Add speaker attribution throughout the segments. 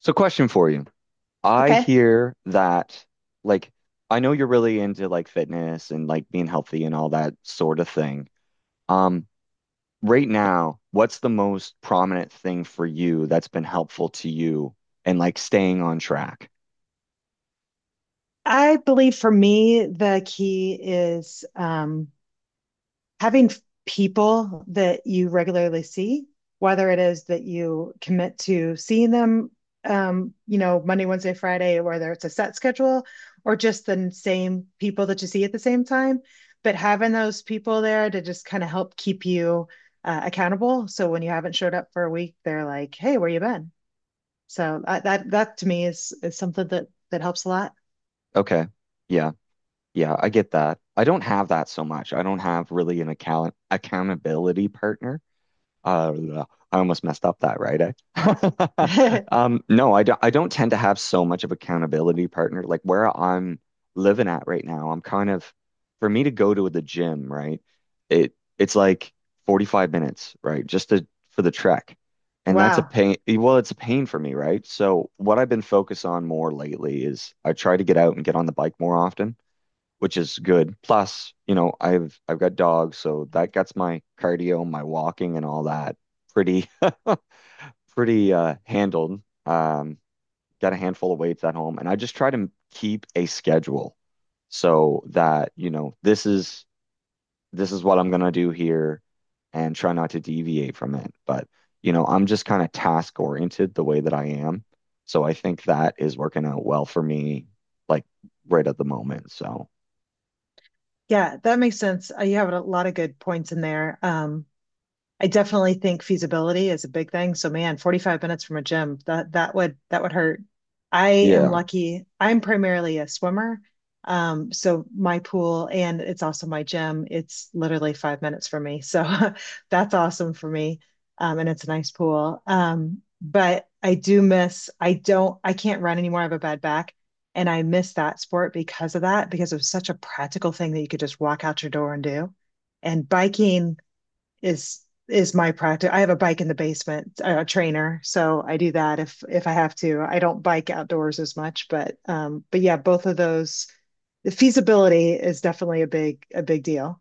Speaker 1: So question for you. I
Speaker 2: Okay.
Speaker 1: hear that like I know you're really into like fitness and like being healthy and all that sort of thing. Um, right now, what's the most prominent thing for you that's been helpful to you and like staying on track?
Speaker 2: I believe for me, the key is having people that you regularly see, whether it is that you commit to seeing them, Monday, Wednesday, Friday, whether it's a set schedule or just the same people that you see at the same time. But having those people there to just kind of help keep you accountable. So when you haven't showed up for a week, they're like, "Hey, where you been?" So I, that that to me is something that helps a lot.
Speaker 1: Okay. Yeah. Yeah, I get that. I don't have that so much. I don't have really an account accountability partner. Uh, I almost messed up that, right? Eh? No, I don't. I don't tend to have so much of accountability partner. Like where I'm living at right now, I'm kind of for me to go to the gym, right? It's like 45 minutes, right? Just to for the trek, and that's a
Speaker 2: Wow.
Speaker 1: pain. Well, it's a pain for me, right? So what I've been focused on more lately is I try to get out and get on the bike more often which is good. Plus, you know, I've got dogs, so that gets my cardio, my walking and all that pretty pretty handled. Got a handful of weights at home and I just try to keep a schedule so that, you know, this is what I'm gonna do here and try not to deviate from it. But, I'm just kind of task oriented the way that I am. So I think that is working out well for me, like right at the moment. So
Speaker 2: Yeah, that makes sense. You have a lot of good points in there. I definitely think feasibility is a big thing. So man, 45 minutes from a gym, that would hurt. I am
Speaker 1: yeah.
Speaker 2: lucky. I'm primarily a swimmer. So my pool and it's also my gym. It's literally 5 minutes from me. So that's awesome for me. And it's a nice pool. But I do miss, I don't, I can't run anymore. I have a bad back. And I miss that sport because of that, because it was such a practical thing that you could just walk out your door and do. And biking, is is my practice. I have a bike in the basement, a trainer, so I do that if I have to. I don't bike outdoors as much, but but yeah, both of those. The feasibility is definitely a big deal.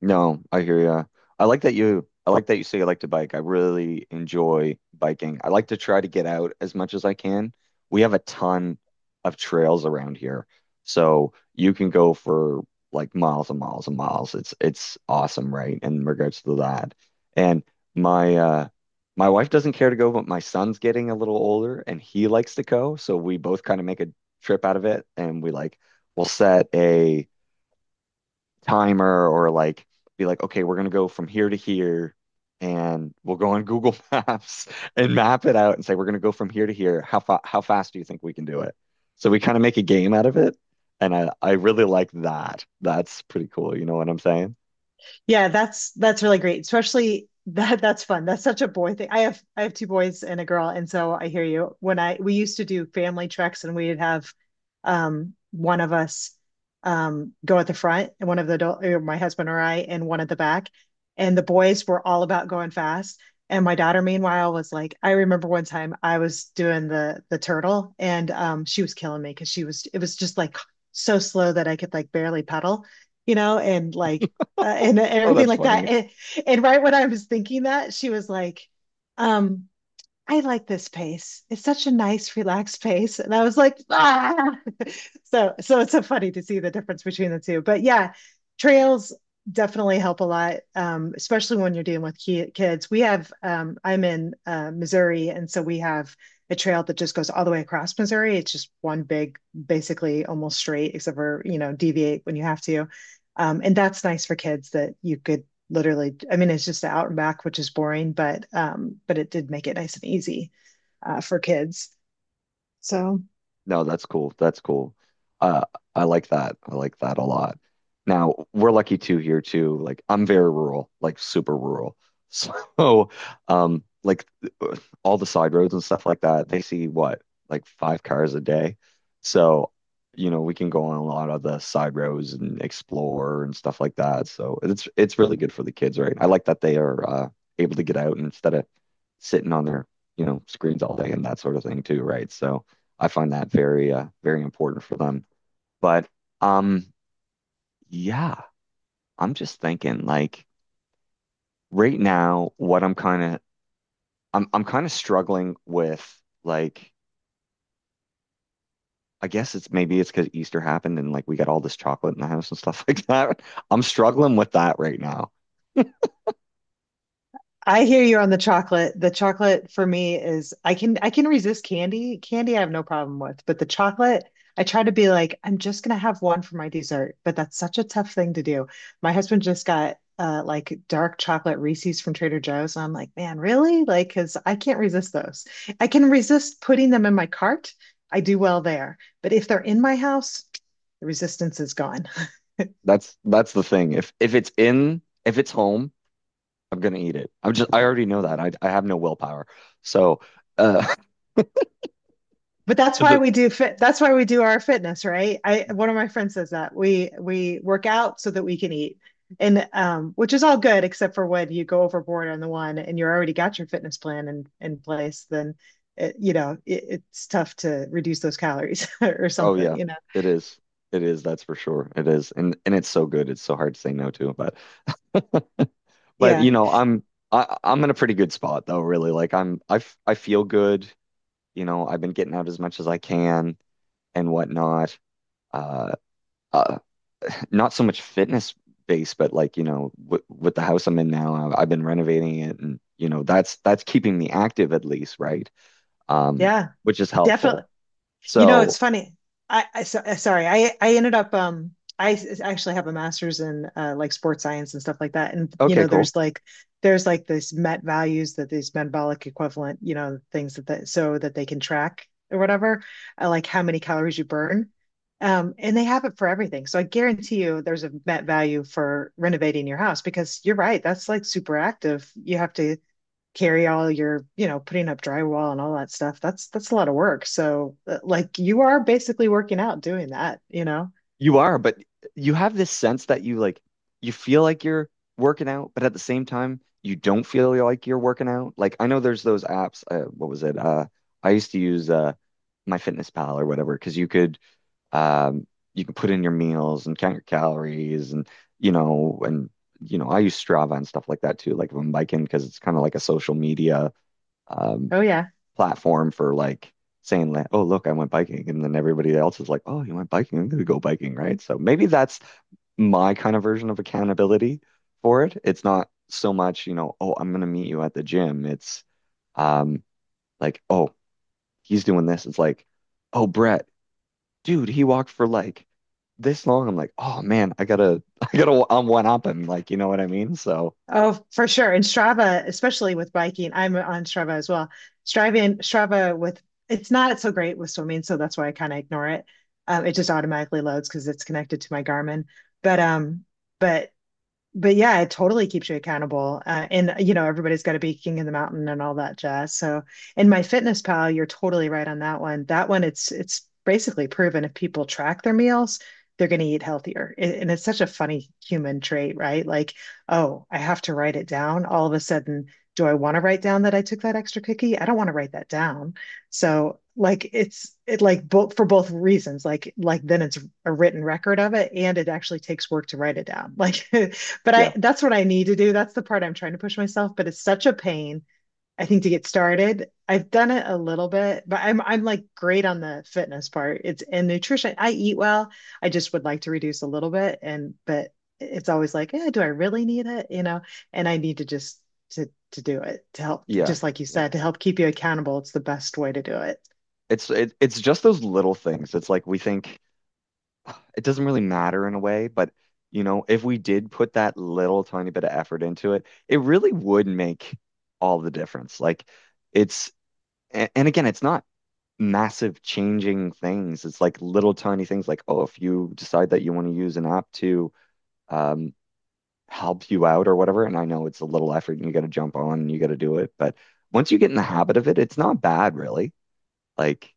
Speaker 1: No, I hear ya. I like that you say you like to bike. I really enjoy biking. I like to try to get out as much as I can. We have a ton of trails around here. So you can go for like miles and miles and miles. It's awesome, right? In regards to that. And my uh my wife doesn't care to go, but my son's getting a little older and he likes to go. So we both kind of make a trip out of it and we'll set a timer or like be like, okay, we're gonna go from here to here and we'll go on Google Maps and map it out and say we're gonna go from here to here. How fa how fast do you think we can do it? So we kind of make a game out of it. And I really like that. That's pretty cool. You know what I'm saying?
Speaker 2: Yeah, that's really great. Especially that that's fun. That's such a boy thing. I have two boys and a girl, and so I hear you. When I we used to do family treks and we'd have one of us go at the front and one of the adult or my husband or I and one at the back. And the boys were all about going fast. And my daughter, meanwhile, was like, I remember one time I was doing the turtle and she was killing me because she was it was just like so slow that I could like barely pedal, and like and
Speaker 1: Oh,
Speaker 2: everything
Speaker 1: that's
Speaker 2: like that.
Speaker 1: funny.
Speaker 2: And right when I was thinking that, she was like, um, I like this pace. It's such a nice, relaxed pace. And I was like, ah. So it's so funny to see the difference between the two. But yeah, trails definitely help a lot, especially when you're dealing with ki kids. I'm in Missouri, and so we have a trail that just goes all the way across Missouri. It's just one big, basically almost straight, except for, deviate when you have to. And that's nice for kids that you could literally, I mean, it's just the out and back, which is boring, but but it did make it nice and easy for kids. So
Speaker 1: No, that's cool. That's cool. Uh, I like that. I like that a lot. Now, we're lucky too here too. Like I'm very rural, like super rural. So, like all the side roads and stuff like that, they see what, like five cars a day. So, you know, we can go on a lot of the side roads and explore and stuff like that. So it's really good for the kids, right? I like that they are able to get out and instead of sitting on their, you know, screens all day and that sort of thing too, right? So I find that very very important for them. But um yeah, I'm just thinking like right now what I'm kind of I'm kind of struggling with like I guess it's because Easter happened and like we got all this chocolate in the house and stuff like that. I'm struggling with that right now.
Speaker 2: I hear you on the chocolate. The chocolate for me is I can resist candy. Candy I have no problem with, but the chocolate I try to be like I'm just gonna have one for my dessert, but that's such a tough thing to do. My husband just got like dark chocolate Reese's from Trader Joe's, and I'm like, man, really? Like, because I can't resist those. I can resist putting them in my cart. I do well there, but if they're in my house, the resistance is gone. Mm.
Speaker 1: That's the thing. If it's home, I'm gonna eat it. I already know that. I have no willpower. So uh
Speaker 2: But that's why
Speaker 1: the
Speaker 2: we do fit. That's why we do our fitness, right? I One of my friends says that we work out so that we can eat, and which is all good except for when you go overboard on the one and you're already got your fitness plan in place, then it, you know it, it's tough to reduce those calories or
Speaker 1: oh
Speaker 2: something,
Speaker 1: yeah,
Speaker 2: you know.
Speaker 1: it is. It is, that's for sure. It is. And it's so good. It's so hard to say no to. But
Speaker 2: Yeah,
Speaker 1: you know, I I'm in a pretty good spot though, really. Like I feel good. You know, I've been getting out as much as I can and whatnot. Uh, uh not so much fitness based, but like, you know, with the house I'm in now, I've been renovating it and, you know, that's keeping me active at least, right? Um,
Speaker 2: yeah,
Speaker 1: which is
Speaker 2: definitely.
Speaker 1: helpful.
Speaker 2: You know,
Speaker 1: So,
Speaker 2: it's funny. I so, sorry. I ended up I actually have a master's in like sports science and stuff like that. And
Speaker 1: okay, cool.
Speaker 2: there's like this met values that these metabolic equivalent, things that so that they can track or whatever, like how many calories you burn. And they have it for everything. So I guarantee you there's a met value for renovating your house because you're right, that's like super active. You have to carry all your, putting up drywall and all that stuff. That's a lot of work. So like you are basically working out doing that, you know?
Speaker 1: You are, but you have this sense that you like you feel like you're working out, but at the same time, you don't feel like you're working out. Like I know there's those apps, what was it? I used to use My Fitness Pal or whatever, because you could Um, you can put in your meals and count your calories and you know and you know I use Strava and stuff like that too. Like if I'm biking because it's kind of like a social media um,
Speaker 2: Oh yeah.
Speaker 1: platform for like saying like, oh look, I went biking, and then everybody else is like, oh, you went biking, I'm gonna go biking, right? So maybe that's my kind of version of accountability for it. It's not so much, you know, oh, I'm gonna meet you at the gym. It's um like, oh, he's doing this. It's like, oh, Brett, dude, he walked for like this long. I'm like, oh man, I'm one up him. Like, you know what I mean? So
Speaker 2: Oh, for sure. And Strava, especially with biking, I'm on Strava as well. Striving Strava with It's not so great with swimming, so that's why I kind of ignore it. It just automatically loads because it's connected to my Garmin. But um, but but yeah, it totally keeps you accountable. And everybody's got to be king of the mountain and all that jazz. So, in My Fitness Pal, you're totally right on that one. That one, it's basically proven if people track their meals, they're going to eat healthier. And it's such a funny human trait, right? Like, oh, I have to write it down. All of a sudden, do I want to write down that I took that extra cookie? I don't want to write that down. So, like, it's it like both for both reasons. Like then it's a written record of it, and it actually takes work to write it down. Like. But
Speaker 1: yeah,
Speaker 2: I that's what I need to do. That's the part I'm trying to push myself, but it's such a pain, I think, to get started. I've done it a little bit, but I'm like great on the fitness part. It's and nutrition. I eat well. I just would like to reduce a little bit and but it's always like, eh, do I really need it? And I need to just to do it to help
Speaker 1: yeah,
Speaker 2: just like you
Speaker 1: yeah.
Speaker 2: said, to help keep you accountable. It's the best way to do it.
Speaker 1: It's just those little things. It's like we think it doesn't really matter in a way, but you know, if we did put that little tiny bit of effort into it, it really would make all the difference. It's, and again, it's not massive changing things. It's like little tiny things like, oh, if you decide that you want to use an app to, um, help you out or whatever. And I know it's a little effort and you got to jump on and you got to do it. But once you get in the habit of it, it's not bad, really. Like,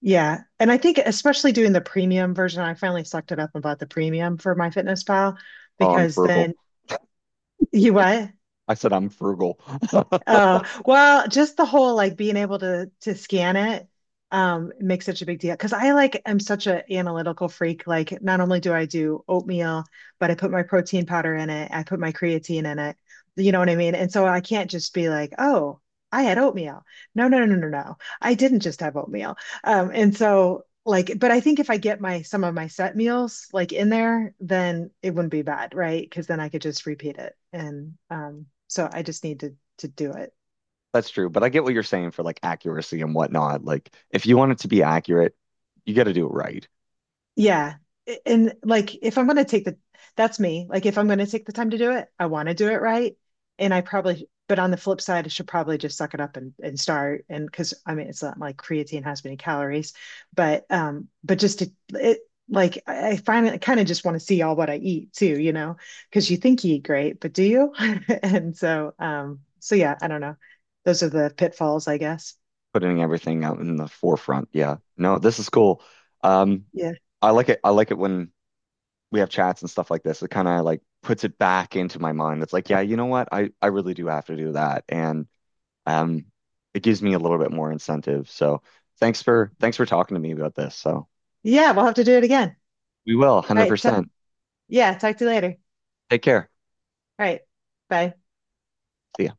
Speaker 2: Yeah. And I think especially doing the premium version, I finally sucked it up and bought the premium for My Fitness Pal
Speaker 1: oh, I'm
Speaker 2: because
Speaker 1: frugal.
Speaker 2: then you what?
Speaker 1: I said I'm frugal.
Speaker 2: Uh, well, just the whole like being able to scan it makes such a big deal because I like am such a analytical freak. Like not only do I do oatmeal, but I put my protein powder in it, I put my creatine in it. You know what I mean? And so I can't just be like, oh, I had oatmeal. No, no, no, no, no. No. I didn't just have oatmeal. And so like, but I think if I get my some of my set meals like in there, then it wouldn't be bad, right? Because then I could just repeat it. And so I just need to do it.
Speaker 1: That's true. But I get what you're saying for like accuracy and whatnot. Like, if you want it to be accurate, you got to do it right,
Speaker 2: Yeah. And like if I'm going to take the, that's me. Like if I'm going to take the time to do it, I want to do it right. And I probably but on the flip side, I should probably just suck it up and start and because I mean it's not like creatine has many calories, but but just to it like I find I kind of just want to see all what I eat too, because you think you eat great, but do you? And so yeah, I don't know. Those are the pitfalls, I guess.
Speaker 1: putting everything out in the forefront. Yeah. No, this is cool. Um,
Speaker 2: Yeah.
Speaker 1: I like it. I like it when we have chats and stuff like this. It kind of like puts it back into my mind. It's like, yeah, you know what? I really do have to do that. And um, it gives me a little bit more incentive. So thanks for talking to me about this. So
Speaker 2: Yeah, we'll have to do it again.
Speaker 1: we will
Speaker 2: All right. T
Speaker 1: 100%.
Speaker 2: Yeah, talk to you later.
Speaker 1: Take care.
Speaker 2: All right. Bye.
Speaker 1: See ya.